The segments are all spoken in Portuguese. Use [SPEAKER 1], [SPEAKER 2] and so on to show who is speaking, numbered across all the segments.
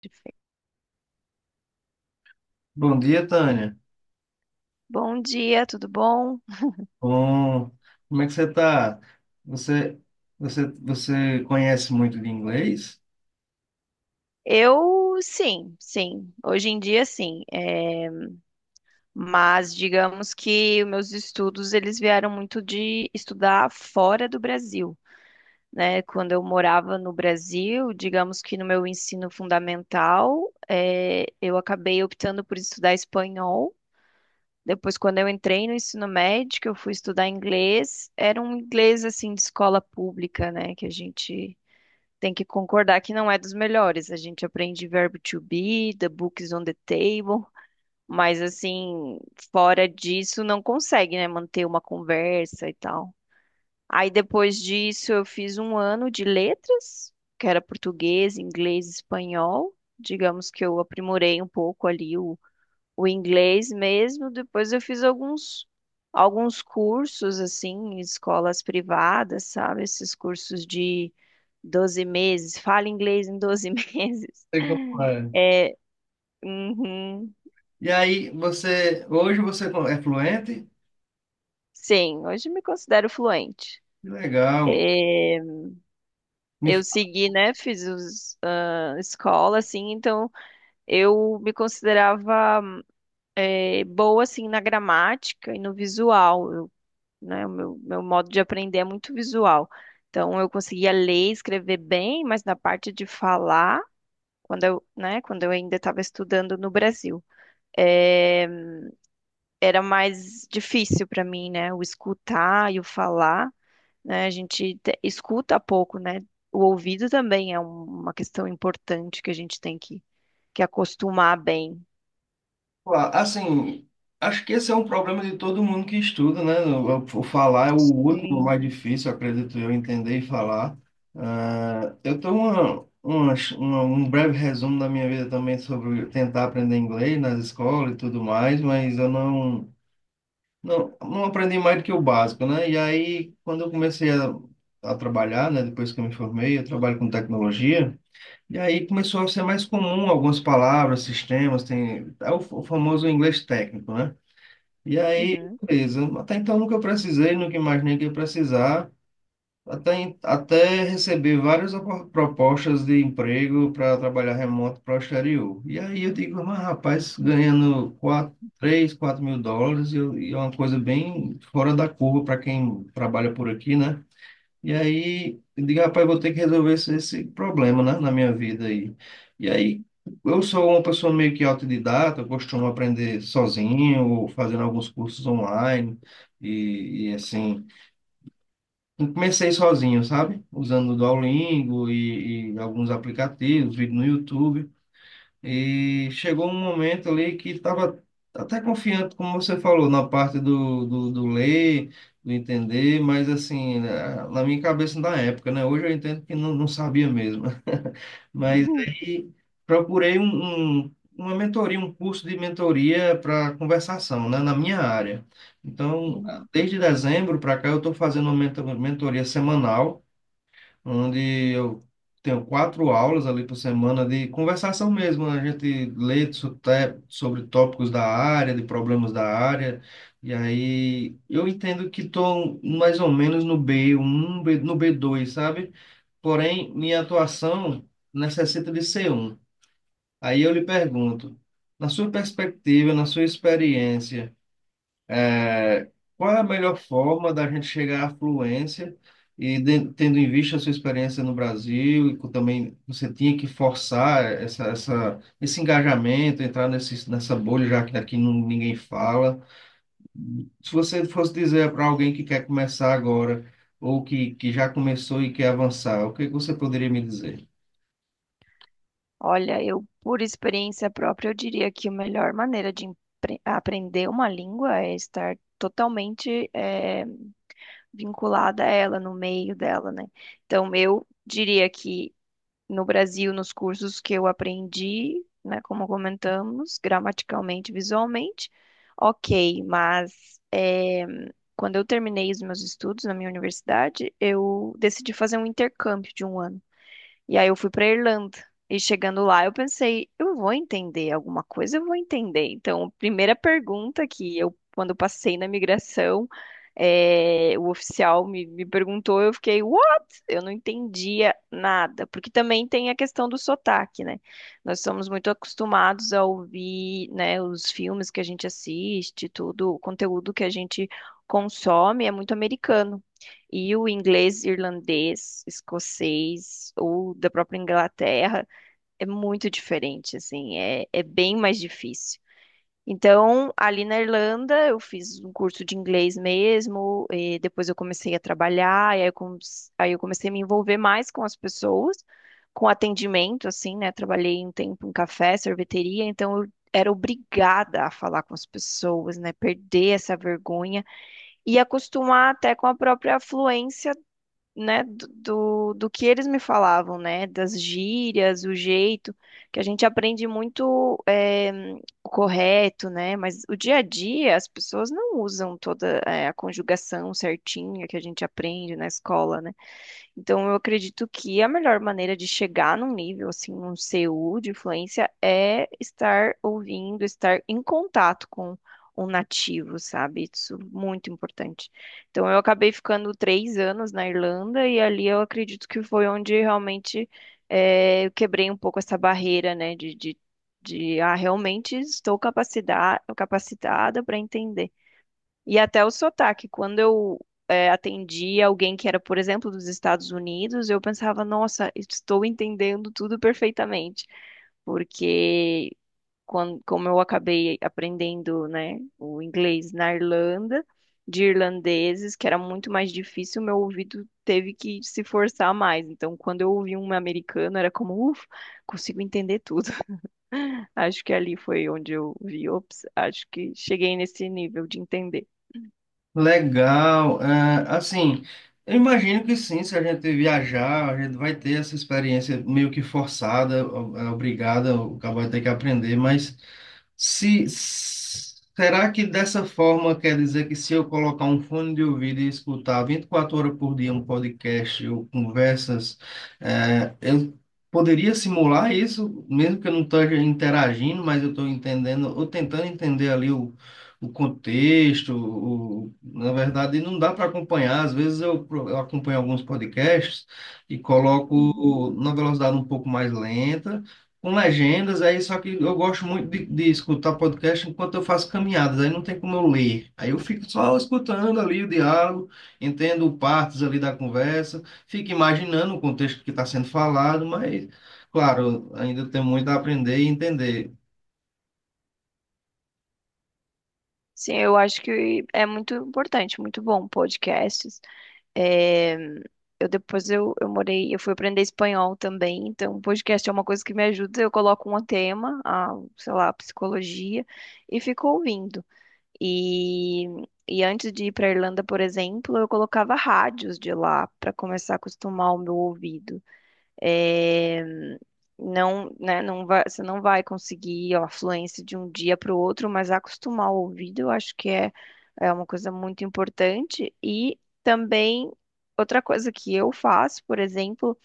[SPEAKER 1] Perfeito.
[SPEAKER 2] Bom dia, Tânia.
[SPEAKER 1] Bom dia, tudo bom?
[SPEAKER 2] Bom, como é que você tá? Você, você conhece muito de inglês?
[SPEAKER 1] Eu sim, sim. Hoje em dia sim. Mas digamos que os meus estudos eles vieram muito de estudar fora do Brasil, né? Quando eu morava no Brasil, digamos que no meu ensino fundamental, eu acabei optando por estudar espanhol. Depois, quando eu entrei no ensino médio, que eu fui estudar inglês, era um inglês assim de escola pública, né? Que a gente tem que concordar que não é dos melhores. A gente aprende verbo to be, the book is on the table, mas assim, fora disso, não consegue, né, manter uma conversa e tal. Aí depois disso, eu fiz um ano de letras, que era português, inglês, espanhol. Digamos que eu aprimorei um pouco ali o inglês mesmo. Depois eu fiz alguns cursos assim, em escolas privadas, sabe? Esses cursos de 12 meses, fala inglês em 12 meses.
[SPEAKER 2] Sei como é.
[SPEAKER 1] É, uhum,
[SPEAKER 2] E aí, hoje você é fluente?
[SPEAKER 1] sim, hoje me considero fluente.
[SPEAKER 2] Que legal.
[SPEAKER 1] É,
[SPEAKER 2] Me
[SPEAKER 1] eu segui, né? Fiz os, ah, escola, assim, então eu me considerava boa assim na gramática e no visual. Eu né? O meu modo de aprender é muito visual. Então, eu conseguia ler e escrever bem, mas na parte de falar, quando eu, né, quando eu ainda estava estudando no Brasil, eh, era mais difícil para mim, né? O escutar e o falar, né? Escuta pouco, né? O ouvido também é uma questão importante que a gente que acostumar bem.
[SPEAKER 2] Claro, assim, acho que esse é um problema de todo mundo que estuda, né? O falar é o último
[SPEAKER 1] Sim.
[SPEAKER 2] mais difícil, acredito eu, entender e falar. Ah, eu tenho um breve resumo da minha vida também sobre tentar aprender inglês nas escolas e tudo mais, mas eu não aprendi mais do que o básico, né? E aí, quando eu comecei a trabalhar, né? Depois que eu me formei, eu trabalho com tecnologia. E aí começou a ser mais comum algumas palavras, sistemas, tem é o famoso inglês técnico, né? E aí,
[SPEAKER 1] Uhum.
[SPEAKER 2] beleza. Até então nunca precisei, nunca imaginei que ia precisar. Até receber várias propostas de emprego para trabalhar remoto para o exterior. E aí eu digo, mas rapaz, ganhando 4 3 4 mil dólares e é uma coisa bem fora da curva para quem trabalha por aqui, né? E aí, eu digo, rapaz, vou ter que resolver esse problema, né, na minha vida aí. E aí, eu sou uma pessoa meio que autodidata, eu costumo aprender sozinho, ou fazendo alguns cursos online, e assim. Eu comecei sozinho, sabe? Usando o Duolingo e alguns aplicativos, vídeo no YouTube. E chegou um momento ali que estava até confiante, como você falou, na parte do ler, do entender, mas assim, na minha cabeça na época, né? Hoje eu entendo que não sabia mesmo. Mas aí procurei uma mentoria, um curso de mentoria para conversação, né? Na minha área. Então,
[SPEAKER 1] Uhum.
[SPEAKER 2] desde dezembro para cá, eu estou fazendo uma mentoria semanal onde eu tenho quatro aulas ali por semana de conversação mesmo, né? A gente lê sobre tópicos da área, de problemas da área, e aí eu entendo que estou mais ou menos no B1 no B2, sabe? Porém, minha atuação necessita de C1. Aí eu lhe pergunto, na sua perspectiva, na sua experiência, é, qual é a melhor forma da gente chegar à fluência e tendo em vista a sua experiência no Brasil e também você tinha que forçar esse engajamento, entrar nessa bolha já que aqui não, ninguém fala. Se você fosse dizer para alguém que quer começar agora ou que já começou e quer avançar, o que que você poderia me dizer?
[SPEAKER 1] Olha, eu, por experiência própria, eu diria que a melhor maneira de aprender uma língua é estar totalmente vinculada a ela, no meio dela, né? Então, eu diria que no Brasil, nos cursos que eu aprendi, né, como comentamos, gramaticalmente, visualmente, ok, mas quando eu terminei os meus estudos na minha universidade, eu decidi fazer um intercâmbio de um ano. E aí eu fui para Irlanda. E chegando lá, eu pensei, eu vou entender alguma coisa, eu vou entender. Então, a primeira pergunta que eu, quando eu passei na migração, o oficial me perguntou, eu fiquei, what? Eu não entendia nada, porque também tem a questão do sotaque, né? Nós somos muito acostumados a ouvir, né, os filmes que a gente assiste, tudo, o conteúdo que a gente consome é muito americano. E o inglês, irlandês, escocês ou da própria Inglaterra é muito diferente, assim, é, é bem mais difícil. Então, ali na Irlanda, eu fiz um curso de inglês mesmo, e depois eu comecei a trabalhar, e aí aí eu comecei a me envolver mais com as pessoas, com atendimento, assim, né? Trabalhei um tempo em café, sorveteria, então eu era obrigada a falar com as pessoas, né? Perder essa vergonha e acostumar até com a própria fluência né, do do que eles me falavam, né, das gírias, o jeito, que a gente aprende muito o correto, né, mas o dia a dia as pessoas não usam toda a conjugação certinha que a gente aprende na escola, né? Então, eu acredito que a melhor maneira de chegar num nível, assim, um CU de influência é estar ouvindo, estar em contato com um nativo, sabe? Isso é muito importante. Então, eu acabei ficando três anos na Irlanda e ali eu acredito que foi onde realmente eu quebrei um pouco essa barreira, né? Realmente estou capacitada para entender. E até o sotaque, quando eu atendi alguém que era, por exemplo, dos Estados Unidos, eu pensava, nossa, estou entendendo tudo perfeitamente, porque como eu acabei aprendendo, né, o inglês na Irlanda, de irlandeses, que era muito mais difícil, meu ouvido teve que se forçar mais. Então, quando eu ouvi um americano, era como, ufa, consigo entender tudo. Acho que ali foi onde eu vi, ops, acho que cheguei nesse nível de entender.
[SPEAKER 2] Legal. É, assim, eu imagino que sim, se a gente viajar, a gente vai ter essa experiência meio que forçada, obrigada, o cara vai ter que aprender, mas. Se, Será que dessa forma quer dizer que se eu colocar um fone de ouvido e escutar 24 horas por dia um podcast ou conversas, eu poderia simular isso, mesmo que eu não esteja interagindo, mas eu estou entendendo, ou tentando entender ali o contexto, na verdade não dá para acompanhar, às vezes eu acompanho alguns podcasts e
[SPEAKER 1] Uhum.
[SPEAKER 2] coloco na velocidade um pouco mais lenta, com legendas, aí só que eu gosto muito de escutar podcast enquanto eu faço caminhadas, aí não tem como eu ler. Aí eu fico só escutando ali o diálogo, entendo partes ali da conversa, fico imaginando o contexto que está sendo falado, mas, claro, ainda tem muito a aprender e entender.
[SPEAKER 1] Sim, eu acho que é muito importante, muito bom podcasts. É, eu morei, eu fui aprender espanhol também, então podcast é uma coisa que me ajuda. Eu coloco um tema, a, sei lá, psicologia, e fico ouvindo. E, e antes de ir para Irlanda, por exemplo, eu colocava rádios de lá para começar a acostumar o meu ouvido. É, não, né, não vai, você não vai conseguir ó, a fluência de um dia para o outro, mas acostumar o ouvido, eu acho que é, é uma coisa muito importante. E também, outra coisa que eu faço, por exemplo,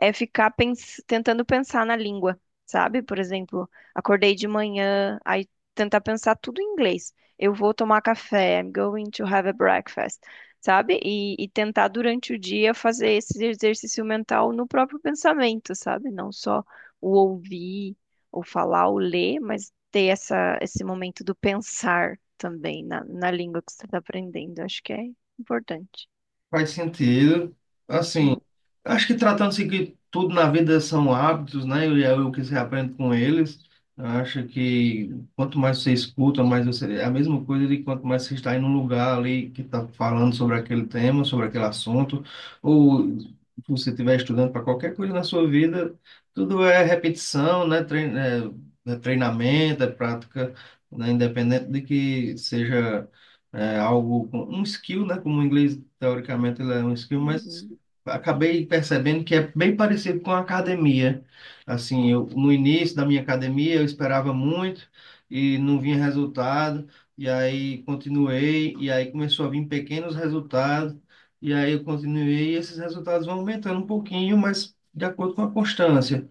[SPEAKER 1] é ficar tentando pensar na língua, sabe? Por exemplo, acordei de manhã, aí tentar pensar tudo em inglês. Eu vou tomar café, I'm going to have a breakfast, sabe? E tentar durante o dia fazer esse exercício mental no próprio pensamento, sabe? Não só o ouvir, ou falar, ou ler, mas ter essa, esse momento do pensar também na língua que você está aprendendo. Acho que é importante.
[SPEAKER 2] Faz sentido, assim,
[SPEAKER 1] Hum,
[SPEAKER 2] acho que tratando-se que tudo na vida são hábitos, né? E é o que você aprende com eles. Eu acho que quanto mais você escuta, mais você. É a mesma coisa de quanto mais você está em um lugar ali que está falando sobre aquele tema, sobre aquele assunto, ou se você estiver estudando para qualquer coisa na sua vida, tudo é repetição, né? É treinamento, é prática, né? Independente de que seja. É algo, um skill, né? Como o inglês, teoricamente, ele é um skill, mas
[SPEAKER 1] Uhum.
[SPEAKER 2] acabei percebendo que é bem parecido com a academia. Assim, eu, no início da minha academia, eu esperava muito e não vinha resultado, e aí continuei, e aí começou a vir pequenos resultados, e aí eu continuei, e esses resultados vão aumentando um pouquinho, mas de acordo com a constância.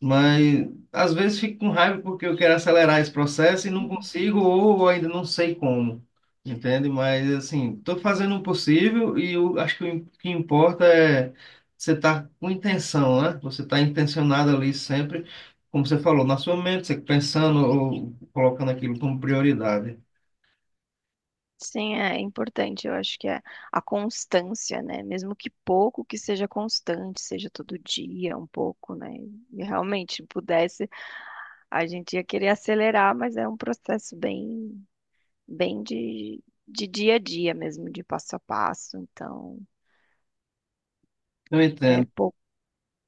[SPEAKER 2] Mas às vezes fico com raiva porque eu quero acelerar esse processo e não consigo, ou ainda não sei como, entende? Mas assim, estou fazendo o possível e eu acho que o que importa é você estar com intenção, né? Você estar intencionado ali sempre, como você falou, na sua mente, você pensando ou colocando aquilo como prioridade.
[SPEAKER 1] Sim, é importante. Eu acho que é a constância, né? Mesmo que pouco que seja constante, seja todo dia um pouco, né? E realmente pudesse, a gente ia querer acelerar, mas é um processo bem, bem de dia a dia mesmo, de passo a passo. Então,
[SPEAKER 2] Eu
[SPEAKER 1] é
[SPEAKER 2] entendo.
[SPEAKER 1] pouco.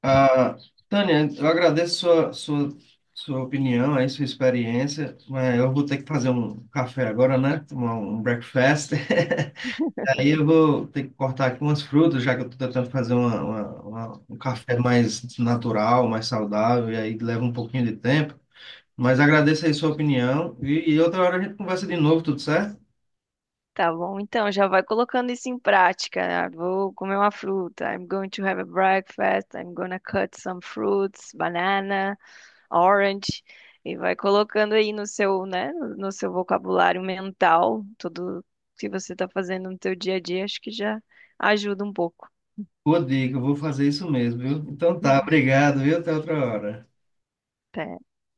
[SPEAKER 2] Ah, Tânia, eu agradeço sua opinião aí, sua experiência, mas eu vou ter que fazer um café agora, né? Tomar um breakfast. Aí eu vou ter que cortar aqui umas frutas, já que eu estou tentando fazer um café mais natural, mais saudável, e aí leva um pouquinho de tempo. Mas agradeço aí sua opinião e outra hora a gente conversa de novo, tudo certo?
[SPEAKER 1] Tá bom, então já vai colocando isso em prática, né? Vou comer uma fruta. I'm going to have a breakfast. I'm gonna cut some fruits, banana. Orange e vai colocando aí no seu, né, no seu vocabulário mental, tudo que você está fazendo no seu dia a dia, acho que já ajuda um pouco.
[SPEAKER 2] Boa dica, eu vou fazer isso mesmo, viu? Então tá,
[SPEAKER 1] Uhum.
[SPEAKER 2] obrigado, viu? Até outra hora.
[SPEAKER 1] Pera.